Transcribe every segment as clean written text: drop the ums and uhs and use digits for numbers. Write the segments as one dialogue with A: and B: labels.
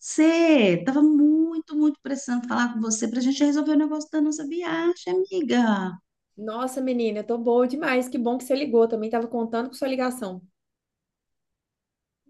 A: Você estava muito precisando falar com você para a gente resolver o negócio da nossa viagem, amiga.
B: Nossa, menina, eu tô boa demais. Que bom que você ligou. Também tava contando com sua ligação.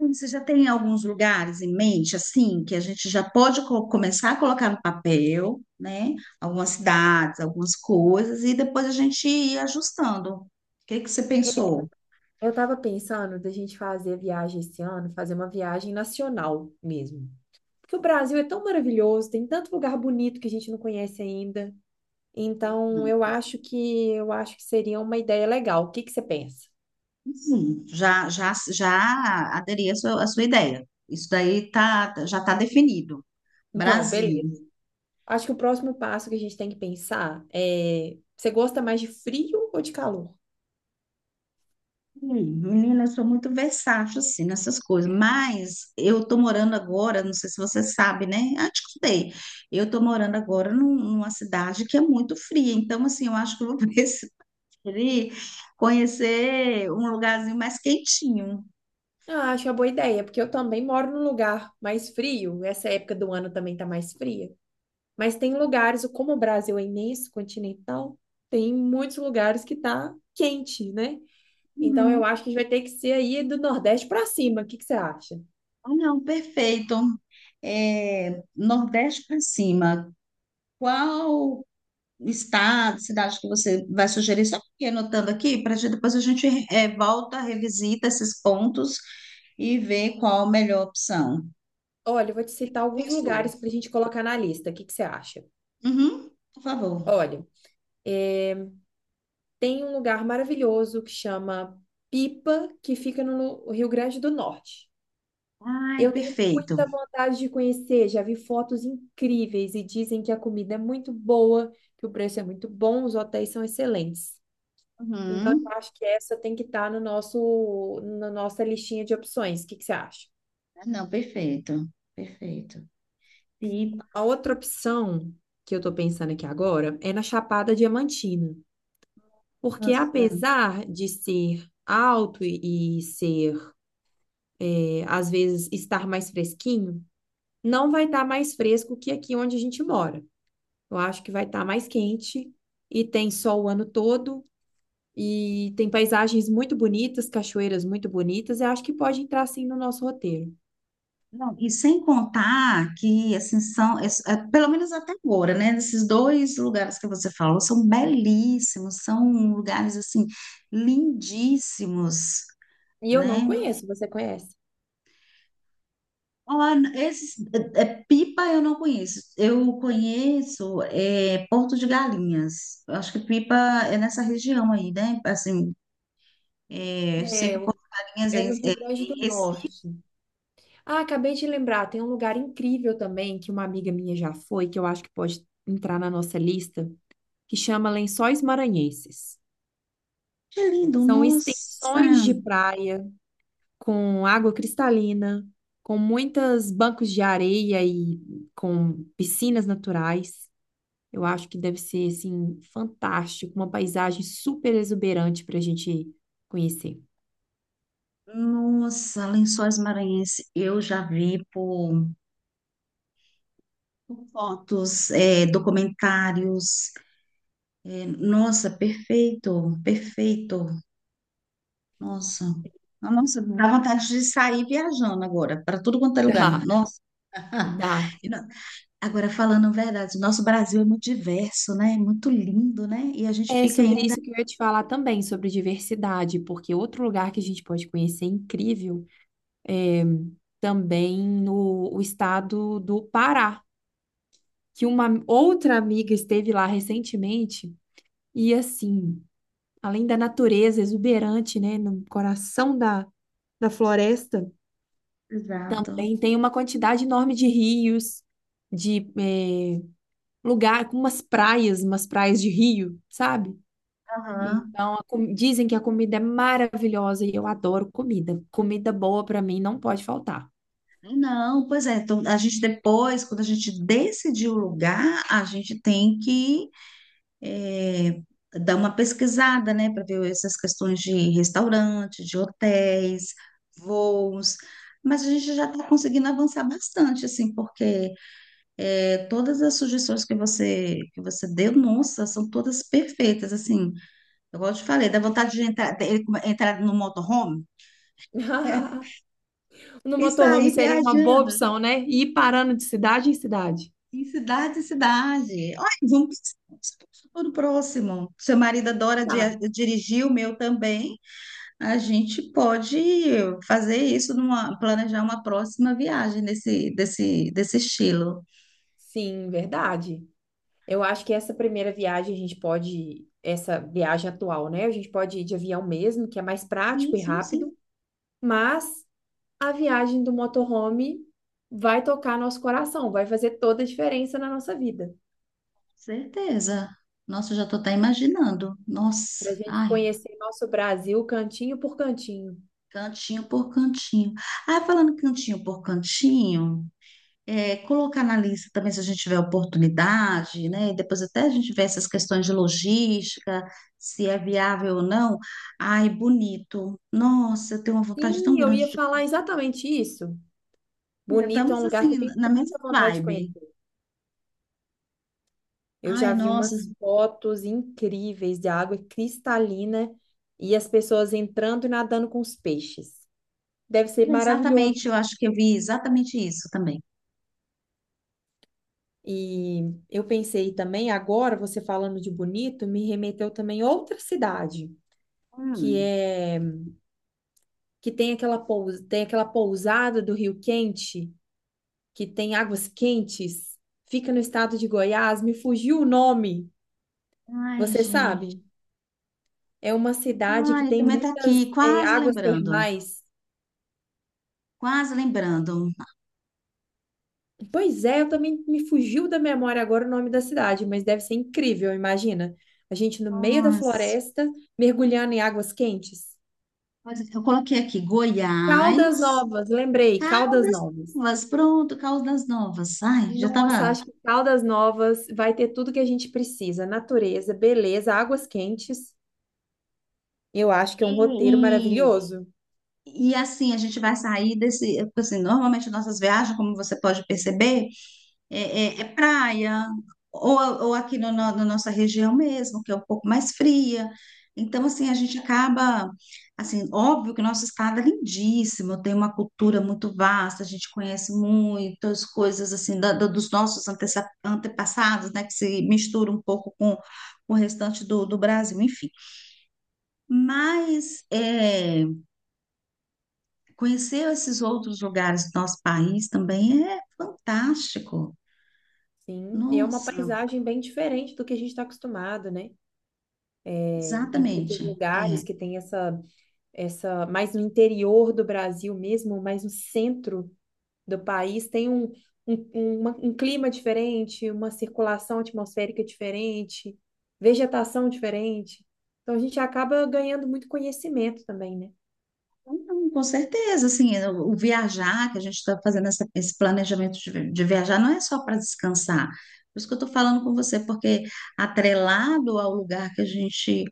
A: Você já tem alguns lugares em mente, assim, que a gente já pode começar a colocar no papel, né? Algumas cidades, algumas coisas, e depois a gente ir ajustando. O que que você pensou?
B: Eu tava pensando da gente fazer a viagem esse ano, fazer uma viagem nacional mesmo. Porque o Brasil é tão maravilhoso, tem tanto lugar bonito que a gente não conhece ainda. Então, eu acho que seria uma ideia legal. O que que você pensa?
A: Já aderi à sua ideia. Isso daí já está definido.
B: Não,
A: Brasil.
B: beleza. Acho que o próximo passo que a gente tem que pensar é, você gosta mais de frio ou de calor?
A: Sim. Menina, eu sou muito versátil, assim, nessas coisas, mas eu tô morando agora, não sei se você sabe, né? Ah, te contei. Eu tô morando agora numa cidade que é muito fria, então, assim, eu acho que eu vou preferir conhecer um lugarzinho mais quentinho.
B: Ah, acho uma boa ideia, porque eu também moro num lugar mais frio. Essa época do ano também tá mais fria. Mas tem lugares, como o Brasil é imenso, continental, tem muitos lugares que tá quente, né? Então
A: Uhum.
B: eu acho que a gente vai ter que ser aí do Nordeste para cima. O que que você acha?
A: Ah, não, perfeito. É, Nordeste para cima, qual estado, cidade que você vai sugerir? Só porque anotando aqui, para depois a gente volta, revisita esses pontos e ver qual a melhor opção.
B: Olha, eu vou te citar alguns
A: Pensou.
B: lugares para a gente colocar na lista. O que que você acha?
A: Uhum, por favor.
B: Olha, é, tem um lugar maravilhoso que chama Pipa, que fica no Rio Grande do Norte.
A: Ai,
B: Eu tenho
A: perfeito.
B: muita vontade de conhecer, já vi fotos incríveis e dizem que a comida é muito boa, que o preço é muito bom, os hotéis são excelentes. Então, eu
A: Uhum.
B: acho que essa tem que estar no nosso, na nossa listinha de opções. O que que você acha?
A: Ah, não, perfeito, perfeito. E,
B: A outra opção que eu estou pensando aqui agora é na Chapada Diamantina, porque
A: nossa,
B: apesar de ser alto e ser, às vezes, estar mais fresquinho, não vai estar mais fresco que aqui onde a gente mora. Eu acho que vai estar mais quente e tem sol o ano todo e tem paisagens muito bonitas, cachoeiras muito bonitas, eu acho que pode entrar sim no nosso roteiro.
A: não, e sem contar que, assim, são, pelo menos até agora, né? Esses dois lugares que você falou são belíssimos, são lugares, assim, lindíssimos,
B: E eu não
A: né?
B: conheço, você conhece?
A: Olha, esses, Pipa eu não conheço. Eu conheço Porto de Galinhas. Eu acho que Pipa é nessa região aí, né? Assim, é, eu sei
B: É,
A: que Porto de Galinhas
B: é, no Rio
A: é
B: Grande do
A: em Recife.
B: Norte. Ah, acabei de lembrar, tem um lugar incrível também que uma amiga minha já foi, que eu acho que pode entrar na nossa lista, que chama Lençóis Maranhenses.
A: Que lindo,
B: São
A: nossa!
B: extensões de praia com água cristalina, com muitos bancos de areia e com piscinas naturais. Eu acho que deve ser assim fantástico, uma paisagem super exuberante para a gente conhecer.
A: Nossa, Lençóis Maranhenses. Eu já vi por fotos, é, documentários. É, nossa, perfeito, perfeito. Nossa. Nossa, dá vontade de sair viajando agora, para tudo quanto é lugar.
B: Dá,
A: Ah,
B: dá.
A: e não. Agora, falando a verdade, nosso Brasil é muito diverso, né? Muito lindo, né? E a gente
B: É
A: fica
B: sobre
A: ainda.
B: isso que eu ia te falar também, sobre diversidade, porque outro lugar que a gente pode conhecer incrível é também no o estado do Pará, que uma outra amiga esteve lá recentemente e assim, além da natureza exuberante, né, no coração da floresta,
A: Exato.
B: também tem uma quantidade enorme de rios, de lugar com umas praias de rio, sabe?
A: Aham.
B: Então, dizem que a comida é maravilhosa e eu adoro comida. Comida boa para mim não pode faltar.
A: Não, pois é. Então, a gente depois, quando a gente decidir o lugar, a gente tem que eh, dar uma pesquisada, né? Para ver essas questões de restaurante, de hotéis, voos. Mas a gente já está conseguindo avançar bastante, assim, porque. É, todas as sugestões que você deu, nossa, são todas perfeitas, assim. Eu gosto de falei, dá vontade de entrar, entrar no motorhome
B: No
A: e
B: motorhome
A: sair
B: seria uma boa
A: viajando
B: opção, né? Ir parando de cidade em cidade.
A: em cidade em cidade. Olha, vamos para o próximo. Seu marido adora
B: Sabe?
A: dirigir, o meu também. A gente pode fazer isso numa, planejar uma próxima viagem desse estilo.
B: Sim, verdade. Eu acho que essa primeira viagem a gente pode, essa viagem atual, né? A gente pode ir de avião mesmo, que é mais
A: Sim,
B: prático e
A: sim, sim,
B: rápido, mas a viagem do motorhome vai tocar nosso coração, vai fazer toda a diferença na nossa vida.
A: certeza. Nossa, eu já estou até imaginando. Nossa,
B: Para a gente
A: ai.
B: conhecer nosso Brasil cantinho por cantinho.
A: Cantinho por cantinho. Ah, falando cantinho por cantinho, é, colocar na lista também se a gente tiver oportunidade, né? Depois até a gente vê essas questões de logística, se é viável ou não. Ai, bonito. Nossa, eu tenho uma vontade tão
B: Sim, eu
A: grande
B: ia
A: de
B: falar exatamente isso.
A: comer.
B: Bonito é um
A: Estamos
B: lugar que eu
A: assim,
B: tenho
A: na mesma
B: muita vontade de
A: vibe.
B: conhecer. Eu
A: Ai,
B: já vi
A: nossa,
B: umas fotos incríveis de água cristalina e as pessoas entrando e nadando com os peixes. Deve ser maravilhoso.
A: exatamente, eu acho que eu vi exatamente isso também.
B: E eu pensei também, agora você falando de Bonito, me remeteu também a outra cidade, que
A: Hum.
B: é que tem aquela, tem aquela pousada do Rio Quente, que tem águas quentes, fica no estado de Goiás, me fugiu o nome,
A: Ai,
B: você
A: gente.
B: sabe? É uma cidade que
A: Ai,
B: tem
A: também tá
B: muitas
A: aqui, quase
B: águas
A: lembrando.
B: termais.
A: Quase lembrando.
B: Pois é, eu também me fugiu da memória agora o nome da cidade, mas deve ser incrível, imagina. A gente no meio da
A: Nossa.
B: floresta, mergulhando em águas quentes.
A: Pode. Eu coloquei aqui
B: Caldas
A: Goiás,
B: Novas, lembrei, Caldas
A: Caldas
B: Novas.
A: Novas, pronto, Caldas Novas. Ai, já
B: Nossa,
A: estava.
B: acho que Caldas Novas vai ter tudo que a gente precisa: natureza, beleza, águas quentes. Eu acho que é
A: E,
B: um roteiro
A: e,
B: maravilhoso.
A: e assim, a gente vai sair desse. Assim, normalmente, nossas viagens, como você pode perceber, é, é praia, ou, ou aqui na nossa região mesmo, que é um pouco mais fria. Então, assim, a gente acaba, assim, óbvio que o nosso estado é lindíssimo, tem uma cultura muito vasta, a gente conhece muitas coisas, assim, dos nossos antepassados, né, que se mistura um pouco com o restante do Brasil, enfim. Mas é, conhecer esses outros lugares do nosso país também é fantástico.
B: Sim, e é uma
A: Nossa.
B: paisagem bem diferente do que a gente está acostumado, né? E para esses
A: Exatamente. É.
B: lugares que tem mais no interior do Brasil mesmo, mais no centro do país, tem um clima diferente, uma circulação atmosférica diferente, vegetação diferente. Então a gente acaba ganhando muito conhecimento também, né?
A: Então, com certeza, assim, o viajar, que a gente está fazendo esse planejamento de, de viajar, não é só para descansar. Por isso que eu estou falando com você, porque atrelado ao lugar que a gente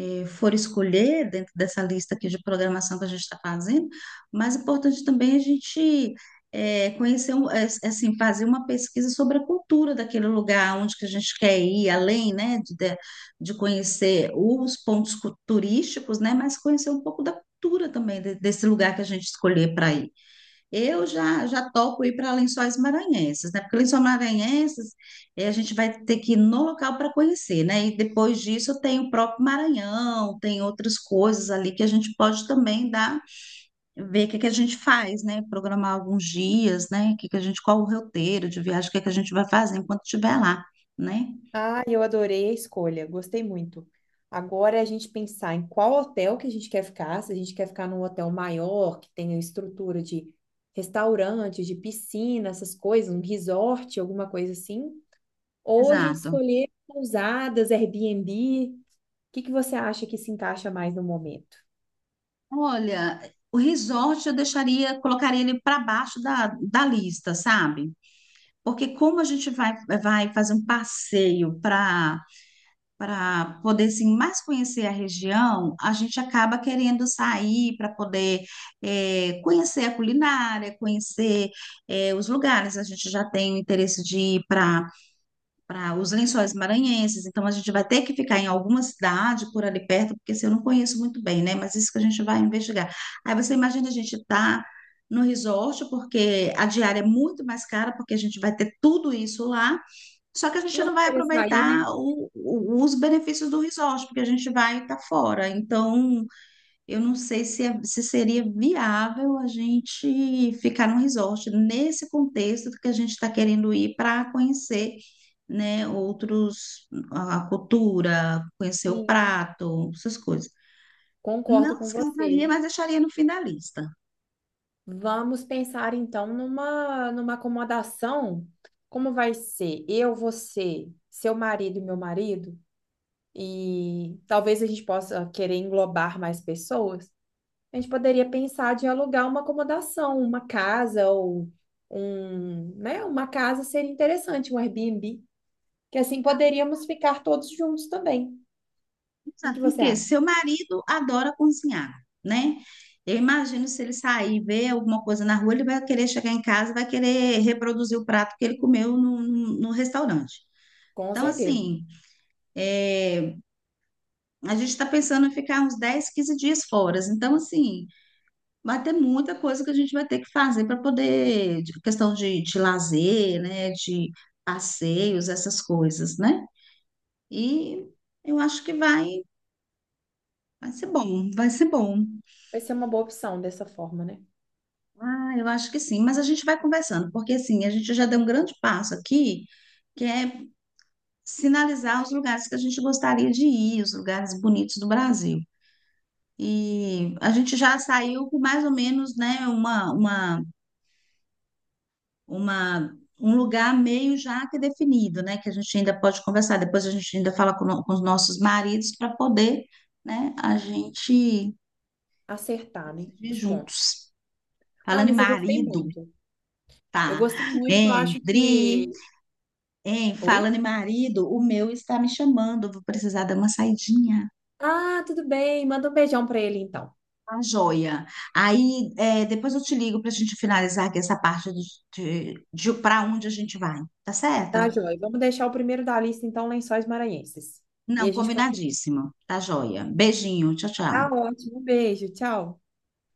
A: for escolher dentro dessa lista aqui de programação que a gente está fazendo, o mais importante também é a gente conhecer, assim, fazer uma pesquisa sobre a cultura daquele lugar, onde que a gente quer ir, além, né, de conhecer os pontos turísticos, né, mas conhecer um pouco da cultura também desse lugar que a gente escolher para ir. Eu já topo ir para Lençóis Maranhenses, né? Porque Lençóis Maranhenses a gente vai ter que ir no local para conhecer, né? E depois disso tem o próprio Maranhão, tem outras coisas ali que a gente pode também dar, ver o que é que a gente faz, né? Programar alguns dias, né? O que é que a gente, qual o roteiro de viagem, o que é que a gente vai fazer enquanto estiver lá, né?
B: Ah, eu adorei a escolha, gostei muito. Agora é a gente pensar em qual hotel que a gente quer ficar, se a gente quer ficar num hotel maior, que tenha estrutura de restaurante, de piscina, essas coisas, um resort, alguma coisa assim, ou a gente
A: Exato.
B: escolher pousadas, Airbnb. O que que você acha que se encaixa mais no momento?
A: Olha, o resort eu deixaria, colocaria ele para baixo da lista, sabe? Porque como a gente vai fazer um passeio para para poder assim, mais conhecer a região, a gente acaba querendo sair para poder conhecer a culinária, conhecer os lugares. A gente já tem o interesse de ir para os Lençóis Maranhenses. Então, a gente vai ter que ficar em alguma cidade por ali perto, porque se eu não conheço muito bem, né? Mas isso que a gente vai investigar. Aí você imagina a gente tá no resort, porque a diária é muito mais cara, porque a gente vai ter tudo isso lá, só que a gente
B: Não
A: não
B: vai
A: vai
B: querer sair,
A: aproveitar
B: né?
A: os benefícios do resort, porque a gente vai estar fora. Então, eu não sei se, se seria viável a gente ficar num resort nesse contexto que a gente está querendo ir para conhecer, né, outros, a cultura, conhecer o
B: Sim,
A: prato, essas coisas.
B: concordo
A: Não
B: com você.
A: descartaria, mas deixaria no fim da lista.
B: Vamos pensar então numa acomodação. Como vai ser? Eu, você, seu marido e meu marido, e talvez a gente possa querer englobar mais pessoas. A gente poderia pensar de alugar uma acomodação, uma casa ou um, né? Uma casa seria interessante, um Airbnb, que assim poderíamos ficar todos juntos também. O que que
A: Sabe por
B: você
A: quê?
B: acha?
A: Seu marido adora cozinhar, né? Eu imagino se ele sair e ver alguma coisa na rua, ele vai querer chegar em casa, vai querer reproduzir o prato que ele comeu no restaurante.
B: Com
A: Então,
B: certeza.
A: assim. A gente está pensando em ficar uns 10, 15 dias fora. Então, assim, vai ter muita coisa que a gente vai ter que fazer para poder, questão de lazer, né? De passeios, essas coisas, né? E eu acho vai ser bom, vai ser bom.
B: Vai ser uma boa opção dessa forma, né?
A: Ah, eu acho que sim, mas a gente vai conversando, porque assim, a gente já deu um grande passo aqui, que é sinalizar os lugares que a gente gostaria de ir, os lugares bonitos do Brasil. E a gente já saiu com mais ou menos, né, uma, um lugar meio já que definido, né? Que a gente ainda pode conversar. Depois a gente ainda fala com, no- com os nossos maridos para poder, né? A gente
B: Acertar, né?
A: decidir
B: Os pontos.
A: juntos.
B: Ah,
A: Falando em
B: mas eu gostei
A: marido,
B: muito. Eu
A: tá?
B: gostei muito,
A: Hein,
B: acho
A: Dri?
B: que.
A: Hein,
B: Oi?
A: falando em marido, o meu está me chamando. Vou precisar dar uma saidinha.
B: Ah, tudo bem. Manda um beijão pra ele então.
A: Tá joia. Aí, é, depois eu te ligo para a gente finalizar aqui essa parte de, de para onde a gente vai, tá certo?
B: Tá, Joy? Vamos deixar o primeiro da lista, então, Lençóis Maranhenses. E
A: Não,
B: a gente continua.
A: combinadíssimo. Tá joia. Beijinho. Tchau, tchau.
B: Tá ótimo. Um beijo, tchau.